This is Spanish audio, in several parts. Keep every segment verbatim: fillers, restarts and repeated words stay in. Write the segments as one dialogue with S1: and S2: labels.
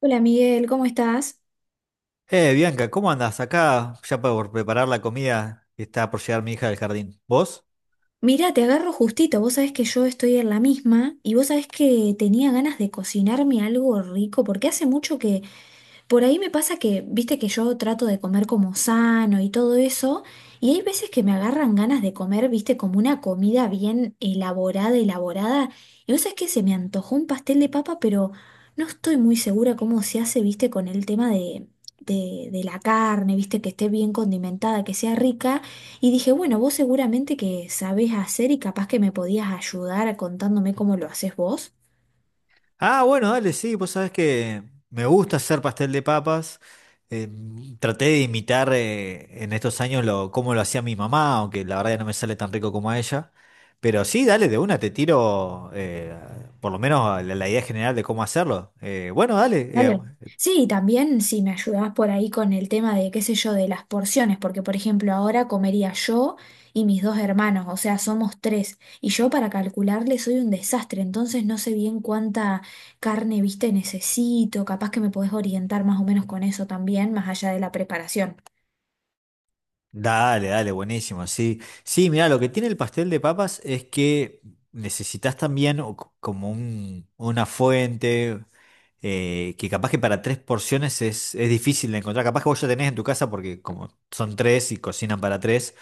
S1: Hola, Miguel, ¿cómo estás?
S2: Eh, Bianca, ¿cómo andás? Acá ya por preparar la comida que está por llegar mi hija del jardín. ¿Vos?
S1: Mira, te agarro justito, vos sabés que yo estoy en la misma y vos sabés que tenía ganas de cocinarme algo rico porque hace mucho que... Por ahí me pasa que, viste que yo trato de comer como sano y todo eso, y hay veces que me agarran ganas de comer, viste, como una comida bien elaborada, elaborada, y vos sabés que se me antojó un pastel de papa, pero no estoy muy segura cómo se hace, viste, con el tema de, de, de la carne, viste, que esté bien condimentada, que sea rica, y dije, bueno, vos seguramente que sabés hacer y capaz que me podías ayudar contándome cómo lo haces vos.
S2: Ah, bueno, dale, sí, vos sabés que me gusta hacer pastel de papas. Eh, Traté de imitar eh, en estos años lo, cómo lo hacía mi mamá, aunque la verdad ya no me sale tan rico como a ella. Pero sí, dale, de una te tiro eh, por lo menos la, la idea general de cómo hacerlo. Eh, bueno, dale, eh,
S1: Vale. Sí, y también si me ayudás por ahí con el tema de, qué sé yo, de las porciones, porque por ejemplo ahora comería yo y mis dos hermanos, o sea, somos tres, y yo para calcularle soy un desastre, entonces no sé bien cuánta carne, viste, necesito, capaz que me podés orientar más o menos con eso también, más allá de la preparación.
S2: Dale, dale, buenísimo, sí. Sí, mira, lo que tiene el pastel de papas es que necesitas también o c- como un- una fuente, eh, que capaz que para tres porciones es, es difícil de encontrar. Capaz que vos ya tenés en tu casa porque como son tres y cocinan para tres,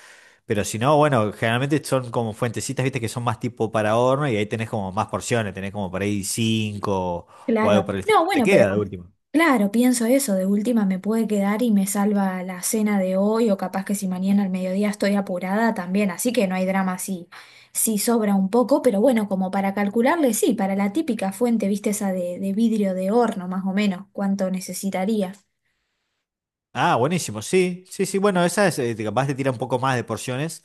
S2: pero si no, bueno, generalmente son como fuentecitas, viste, que son más tipo para horno y ahí tenés como más porciones, tenés como por ahí cinco o
S1: Claro.
S2: algo por el
S1: No,
S2: estilo. Te
S1: bueno, pero
S2: queda de último.
S1: claro, pienso eso, de última me puede quedar y me salva la cena de hoy o capaz que si mañana al mediodía estoy apurada también, así que no hay drama si, si sobra un poco, pero bueno, como para calcularle, sí, para la típica fuente, viste esa de, de vidrio de horno más o menos, cuánto necesitaría.
S2: Ah, buenísimo, sí, sí, sí, bueno, esa es, eh, capaz te tira un poco más de porciones.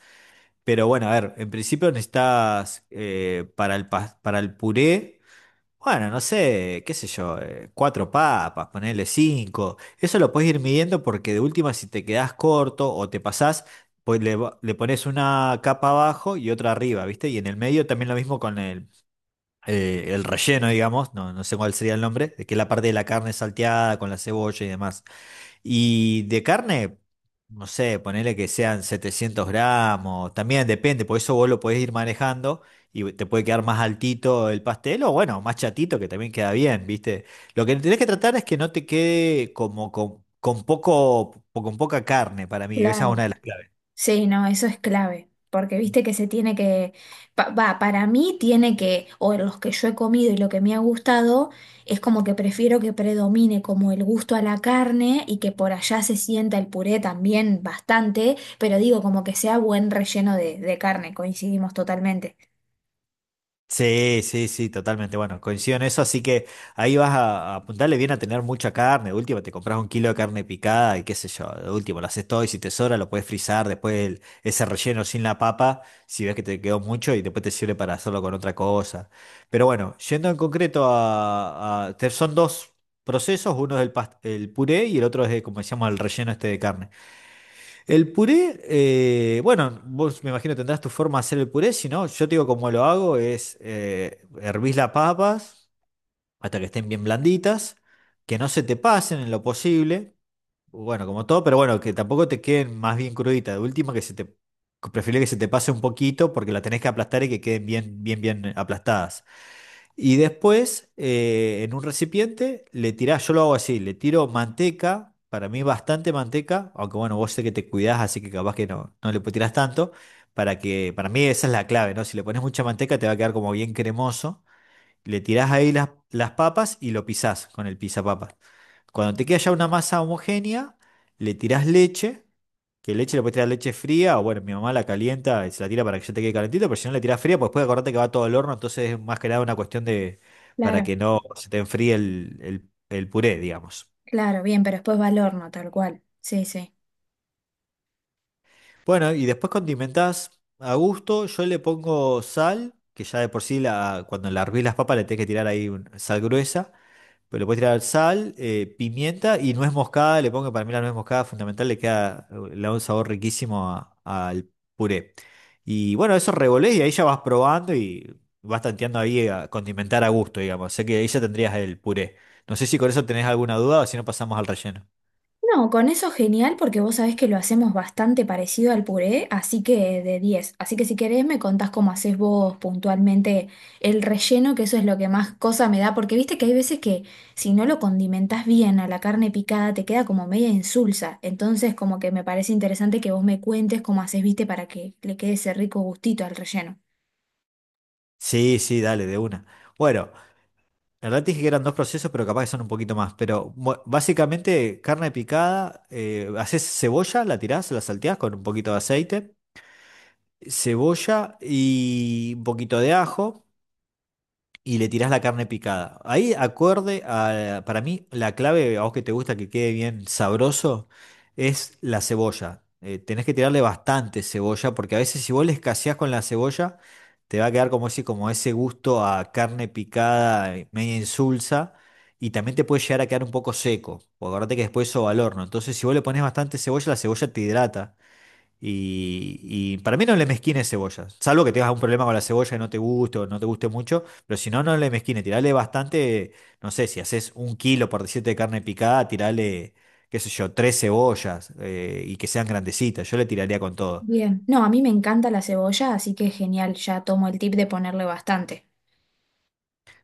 S2: Pero bueno, a ver, en principio necesitas eh, para el, pas- para el puré, bueno, no sé, qué sé yo, eh, cuatro papas, ponerle cinco. Eso lo puedes ir midiendo porque de última si te quedás corto o te pasás, pues le, va- le pones una capa abajo y otra arriba, ¿viste? Y en el medio también lo mismo con el, eh, el relleno, digamos, no, no sé cuál sería el nombre, de que es la parte de la carne salteada con la cebolla y demás. Y de carne, no sé, ponele que sean setecientos gramos, también depende, por eso vos lo podés ir manejando y te puede quedar más altito el pastel o bueno, más chatito que también queda bien, ¿viste? Lo que tenés que tratar es que no te quede como con, con poco, con poca carne para mí, esa es
S1: Claro.
S2: una de las claves.
S1: Sí, no, eso es clave, porque viste que se tiene que, pa- va, para mí tiene que, o los que yo he comido y lo que me ha gustado, es como que prefiero que predomine como el gusto a la carne y que por allá se sienta el puré también bastante, pero digo como que sea buen relleno de, de carne, coincidimos totalmente.
S2: Sí, sí, sí, totalmente. Bueno, coincido en eso, así que ahí vas a, a apuntarle bien a tener mucha carne. De última, te compras un kilo de carne picada y qué sé yo. De última, lo haces todo y si te sobra lo puedes frizar después el- ese relleno sin la papa, si ves que te quedó mucho y después te sirve para hacerlo con otra cosa. Pero bueno, yendo en concreto a, a- te- son dos procesos, uno es el, pas- el puré y el otro es, de, como decíamos, el relleno este de carne. El puré, eh, bueno, vos me imagino tendrás tu forma de hacer el puré, si no, yo te digo cómo lo hago, es eh, hervís las papas hasta que estén bien blanditas, que no se te pasen en lo posible, bueno, como todo, pero bueno, que tampoco te queden más bien cruditas, de última que se te, prefiero que se te pase un poquito porque la tenés que aplastar y que queden bien, bien, bien aplastadas. Y después, eh, en un recipiente, le tirás, yo lo hago así, le tiro manteca, para mí bastante manteca, aunque bueno, vos sé que te cuidás, así que capaz que no, no le tirás tanto, para que, para mí esa es la clave, ¿no? Si le pones mucha manteca te va a quedar como bien cremoso, le tirás ahí las, las papas y lo pisás con el pisapapas. Cuando te queda ya una masa homogénea, le tirás leche, que leche le puedes tirar leche fría, o bueno, mi mamá la calienta y se la tira para que ya te quede calentito, pero si no le tirás fría, pues después acordate que va todo al horno, entonces es más que nada una cuestión de para
S1: Claro,
S2: que no se te enfríe el, el, el puré, digamos.
S1: claro, bien, pero después va al horno, tal cual. Sí, sí.
S2: Bueno, y después condimentás a gusto, yo le pongo sal, que ya de por sí la, cuando la hervís las papas le tenés que tirar ahí un- sal gruesa. Pero le puedes tirar sal, eh, pimienta y nuez moscada. Le pongo para mí la nuez moscada fundamental, le queda, eh, le da un sabor riquísimo a- al puré. Y bueno, eso revolés y ahí ya vas probando y vas tanteando ahí a condimentar a gusto, digamos. Sé que ahí ya tendrías el puré. No sé si con eso tenés alguna duda o si no pasamos al relleno.
S1: No, con eso genial porque vos sabés que lo hacemos bastante parecido al puré, así que de diez. Así que si querés me contás cómo hacés vos puntualmente el relleno, que eso es lo que más cosa me da, porque viste que hay veces que si no lo condimentás bien a la carne picada te queda como media insulsa. Entonces como que me parece interesante que vos me cuentes cómo hacés, viste, para que le quede ese rico gustito al relleno.
S2: Sí, sí, dale, de una. Bueno, en realidad te dije que eran dos procesos, pero capaz que son un poquito más. Pero bu- básicamente, carne picada, eh, haces cebolla, la tirás, la salteás con un poquito de aceite. Cebolla y un poquito de ajo y le tirás la carne picada. Ahí acorde a, para mí, la clave, a vos que te gusta que quede bien sabroso, es la cebolla. Eh, tenés que tirarle bastante cebolla porque a veces si vos le escaseás con la cebolla, te va a quedar como ese, como ese gusto a carne picada, eh, media insulsa. Y también te puede llegar a quedar un poco seco, porque acordate que después eso va al horno. Entonces, si vos le pones bastante cebolla, la cebolla te hidrata. Y, y para mí no le mezquines cebollas, salvo que tengas un problema con la cebolla y no te guste o no te guste mucho, pero si no, no le mezquines, tirale bastante, no sé, si haces un kilo por diecisiete de carne picada, tirale, qué sé yo, tres cebollas eh, y que sean grandecitas, yo le tiraría con todo.
S1: Bien. No, a mí me encanta la cebolla, así que genial, ya tomo el tip de ponerle bastante.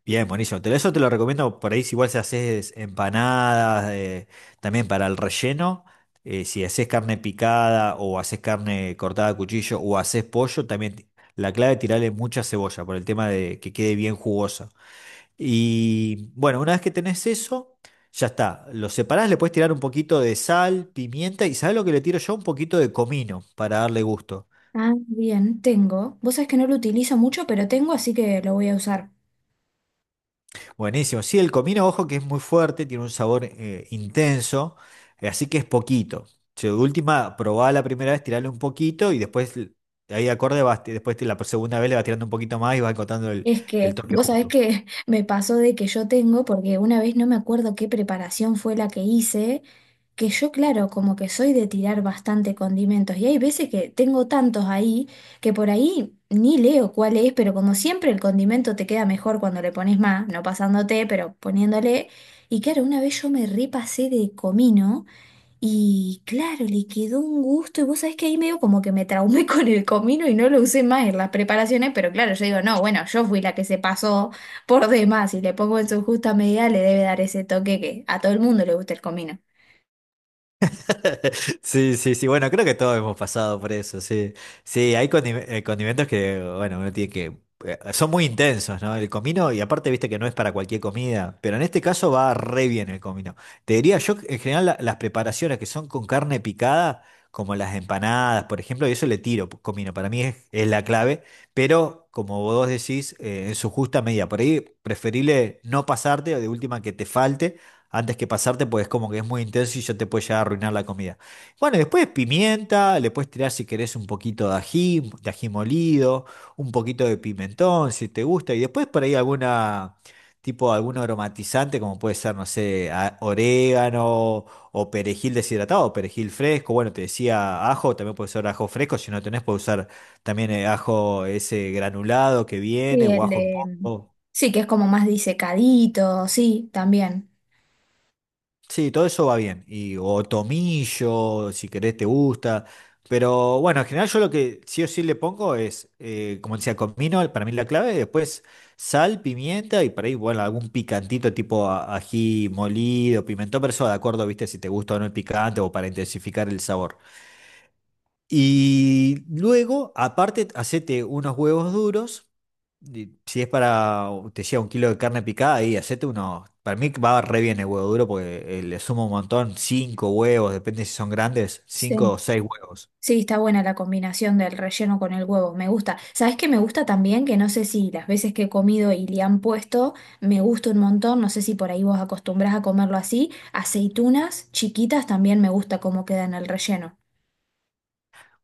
S2: Bien, buenísimo. Te- Eso te lo recomiendo por ahí si igual si haces empanadas, eh, también para el relleno. Eh, si haces carne picada o haces carne cortada a cuchillo o haces pollo, también ti- la clave es tirarle mucha cebolla por el tema de que quede bien jugosa. Y bueno, una vez que tenés eso, ya está. Lo separás, le puedes tirar un poquito de sal, pimienta y ¿sabés lo que le tiro yo? Un poquito de comino para darle gusto.
S1: Ah, bien, tengo. Vos sabés que no lo utilizo mucho, pero tengo, así que lo voy a usar.
S2: Buenísimo. Sí, el comino, ojo, que es muy fuerte, tiene un sabor eh, intenso, eh, así que es poquito. Si de última, probá la primera vez, tirarle un poquito y después, l- ahí acorde, vas, después te- la segunda vez le vas tirando un poquito más y vas encontrando el,
S1: Es
S2: el
S1: que
S2: toque
S1: vos sabés
S2: justo.
S1: que me pasó de que yo tengo, porque una vez no me acuerdo qué preparación fue la que hice, que yo, claro, como que soy de tirar bastante condimentos y hay veces que tengo tantos ahí que por ahí ni leo cuál es, pero como siempre el condimento te queda mejor cuando le pones más, no pasándote, pero poniéndole. Y claro, una vez yo me repasé de comino. Y claro, le quedó un gusto y vos sabés que ahí medio como que me traumé con el comino y no lo usé más en las preparaciones, pero claro, yo digo, no, bueno, yo fui la que se pasó por demás y le pongo en su justa medida, le debe dar ese toque que a todo el mundo le gusta el comino.
S2: Sí, sí, sí. Bueno, creo que todos hemos pasado por eso, sí. Sí, hay condi- eh, condimentos que, bueno, uno tiene que... eh, Son muy intensos, ¿no? El comino, y aparte, viste que no es para cualquier comida, pero en este caso va re bien el comino. Te diría yo, que, en general, la- las preparaciones que son con carne picada, como las empanadas, por ejemplo, y eso le tiro p- comino, para mí es, es la clave, pero como vos decís, eh, en su justa medida. Por ahí, preferible no pasarte, o de última que te falte antes que pasarte, pues es como que es muy intenso y ya te puede llegar a arruinar la comida. Bueno, y después pimienta, le puedes tirar si querés un poquito de ají, de ají molido, un poquito de pimentón, si te gusta, y después por ahí alguna, tipo algún aromatizante, como puede ser, no sé, a- orégano o perejil deshidratado, o perejil fresco, bueno, te decía ajo, también puede ser ajo fresco, si no tenés, puedes usar también eh, ajo ese granulado que viene
S1: Sí,
S2: o
S1: el
S2: ajo en
S1: de... mm,
S2: polvo.
S1: sí, que es como más disecadito, sí, también.
S2: Sí, todo eso va bien. Y, o tomillo, si querés, te gusta. Pero bueno, en general yo lo que sí o sí le pongo es, eh, como decía, comino, para mí la clave, después sal, pimienta y por ahí, bueno, algún picantito tipo a- ají molido, pimentón, pero eso de acuerdo, viste, si te gusta o no el picante o para intensificar el sabor. Y luego, aparte, hacete unos huevos duros. Y si es para, te decía, un kilo de carne picada, ahí hacete unos. Para mí va re bien el huevo duro porque eh, le sumo un montón. Cinco huevos, depende si son grandes, cinco o
S1: Sí.
S2: seis huevos.
S1: Sí, está buena la combinación del relleno con el huevo, me gusta. ¿Sabes qué me gusta también? Que no sé si las veces que he comido y le han puesto, me gusta un montón, no sé si por ahí vos acostumbrás a comerlo así, aceitunas chiquitas también me gusta cómo queda en el relleno.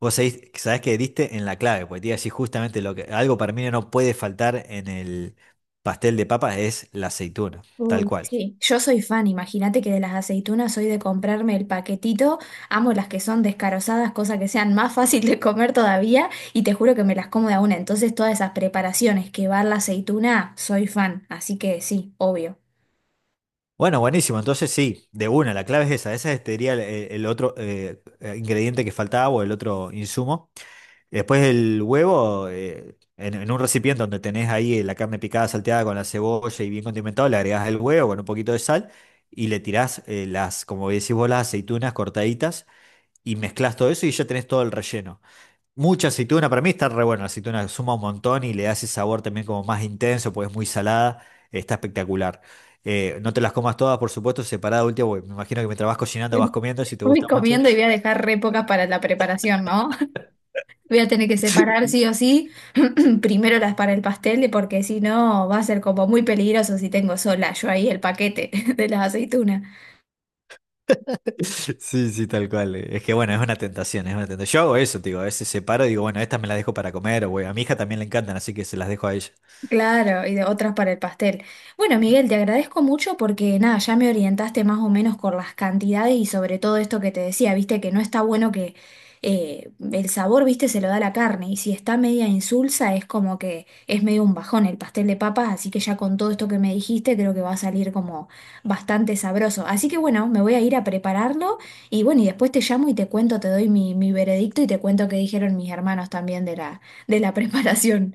S2: Vos sabés, sabés que diste en la clave, porque te iba a decir justamente lo que. Algo para mí no puede faltar en el pastel de papas es la aceituna, tal
S1: Uy,
S2: cual.
S1: sí, yo soy fan, imagínate que de las aceitunas soy de comprarme el paquetito, amo las que son descarozadas, cosa que sean más fácil de comer todavía, y te juro que me las como de a una, entonces todas esas preparaciones que va la aceituna, soy fan, así que sí, obvio.
S2: Bueno, buenísimo. Entonces sí, de una, la clave es esa. Ese es, te el, el otro eh, eh, ingrediente que faltaba o el otro insumo. Después el huevo, eh, en, en un recipiente donde tenés ahí la carne picada, salteada con la cebolla y bien condimentado, le agregás el huevo con un poquito de sal y le tirás eh, las, como decís vos, las aceitunas cortaditas y mezclás todo eso y ya tenés todo el relleno. Mucha aceituna, para mí está re bueno, la aceituna suma un montón y le da ese sabor también como más intenso, porque es muy salada, está espectacular. Eh, no te las comas todas, por supuesto, separada última, porque me imagino que mientras vas cocinando vas comiendo, si te
S1: Voy
S2: gusta mucho.
S1: comiendo y voy a dejar re pocas para la preparación, ¿no? Voy a tener que separar sí o sí, primero las para el pastel, porque si no va a ser como muy peligroso si tengo sola yo ahí el paquete de las aceitunas.
S2: Sí, sí, tal cual. eh. Es que bueno, es una tentación, es una tentación. Yo hago eso, te digo, a veces separo y digo, bueno, estas me las dejo para comer, o bueno, a mi hija también le encantan, así que se las dejo a ella.
S1: Claro, y de otras para el pastel. Bueno, Miguel, te agradezco mucho porque nada, ya me orientaste más o menos con las cantidades y sobre todo esto que te decía, viste que no está bueno que eh, el sabor, viste, se lo da la carne y si está media insulsa es como que es medio un bajón el pastel de papas, así que ya con todo esto que me dijiste creo que va a salir como bastante sabroso. Así que bueno, me voy a ir a prepararlo y bueno, y después te llamo y te cuento, te doy mi, mi veredicto y te cuento qué dijeron mis hermanos también de la, de la preparación.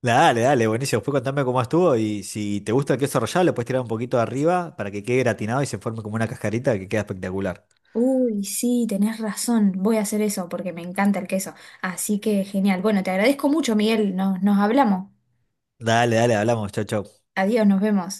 S2: Dale, dale, buenísimo. Después contame cómo estuvo y si te gusta el queso rallado, le puedes tirar un poquito de arriba para que quede gratinado y se forme como una cascarita que queda espectacular.
S1: Uy, sí, tenés razón. Voy a hacer eso porque me encanta el queso. Así que genial. Bueno, te agradezco mucho, Miguel. Nos, nos hablamos.
S2: Dale, dale, hablamos. Chau, chau.
S1: Adiós, nos vemos.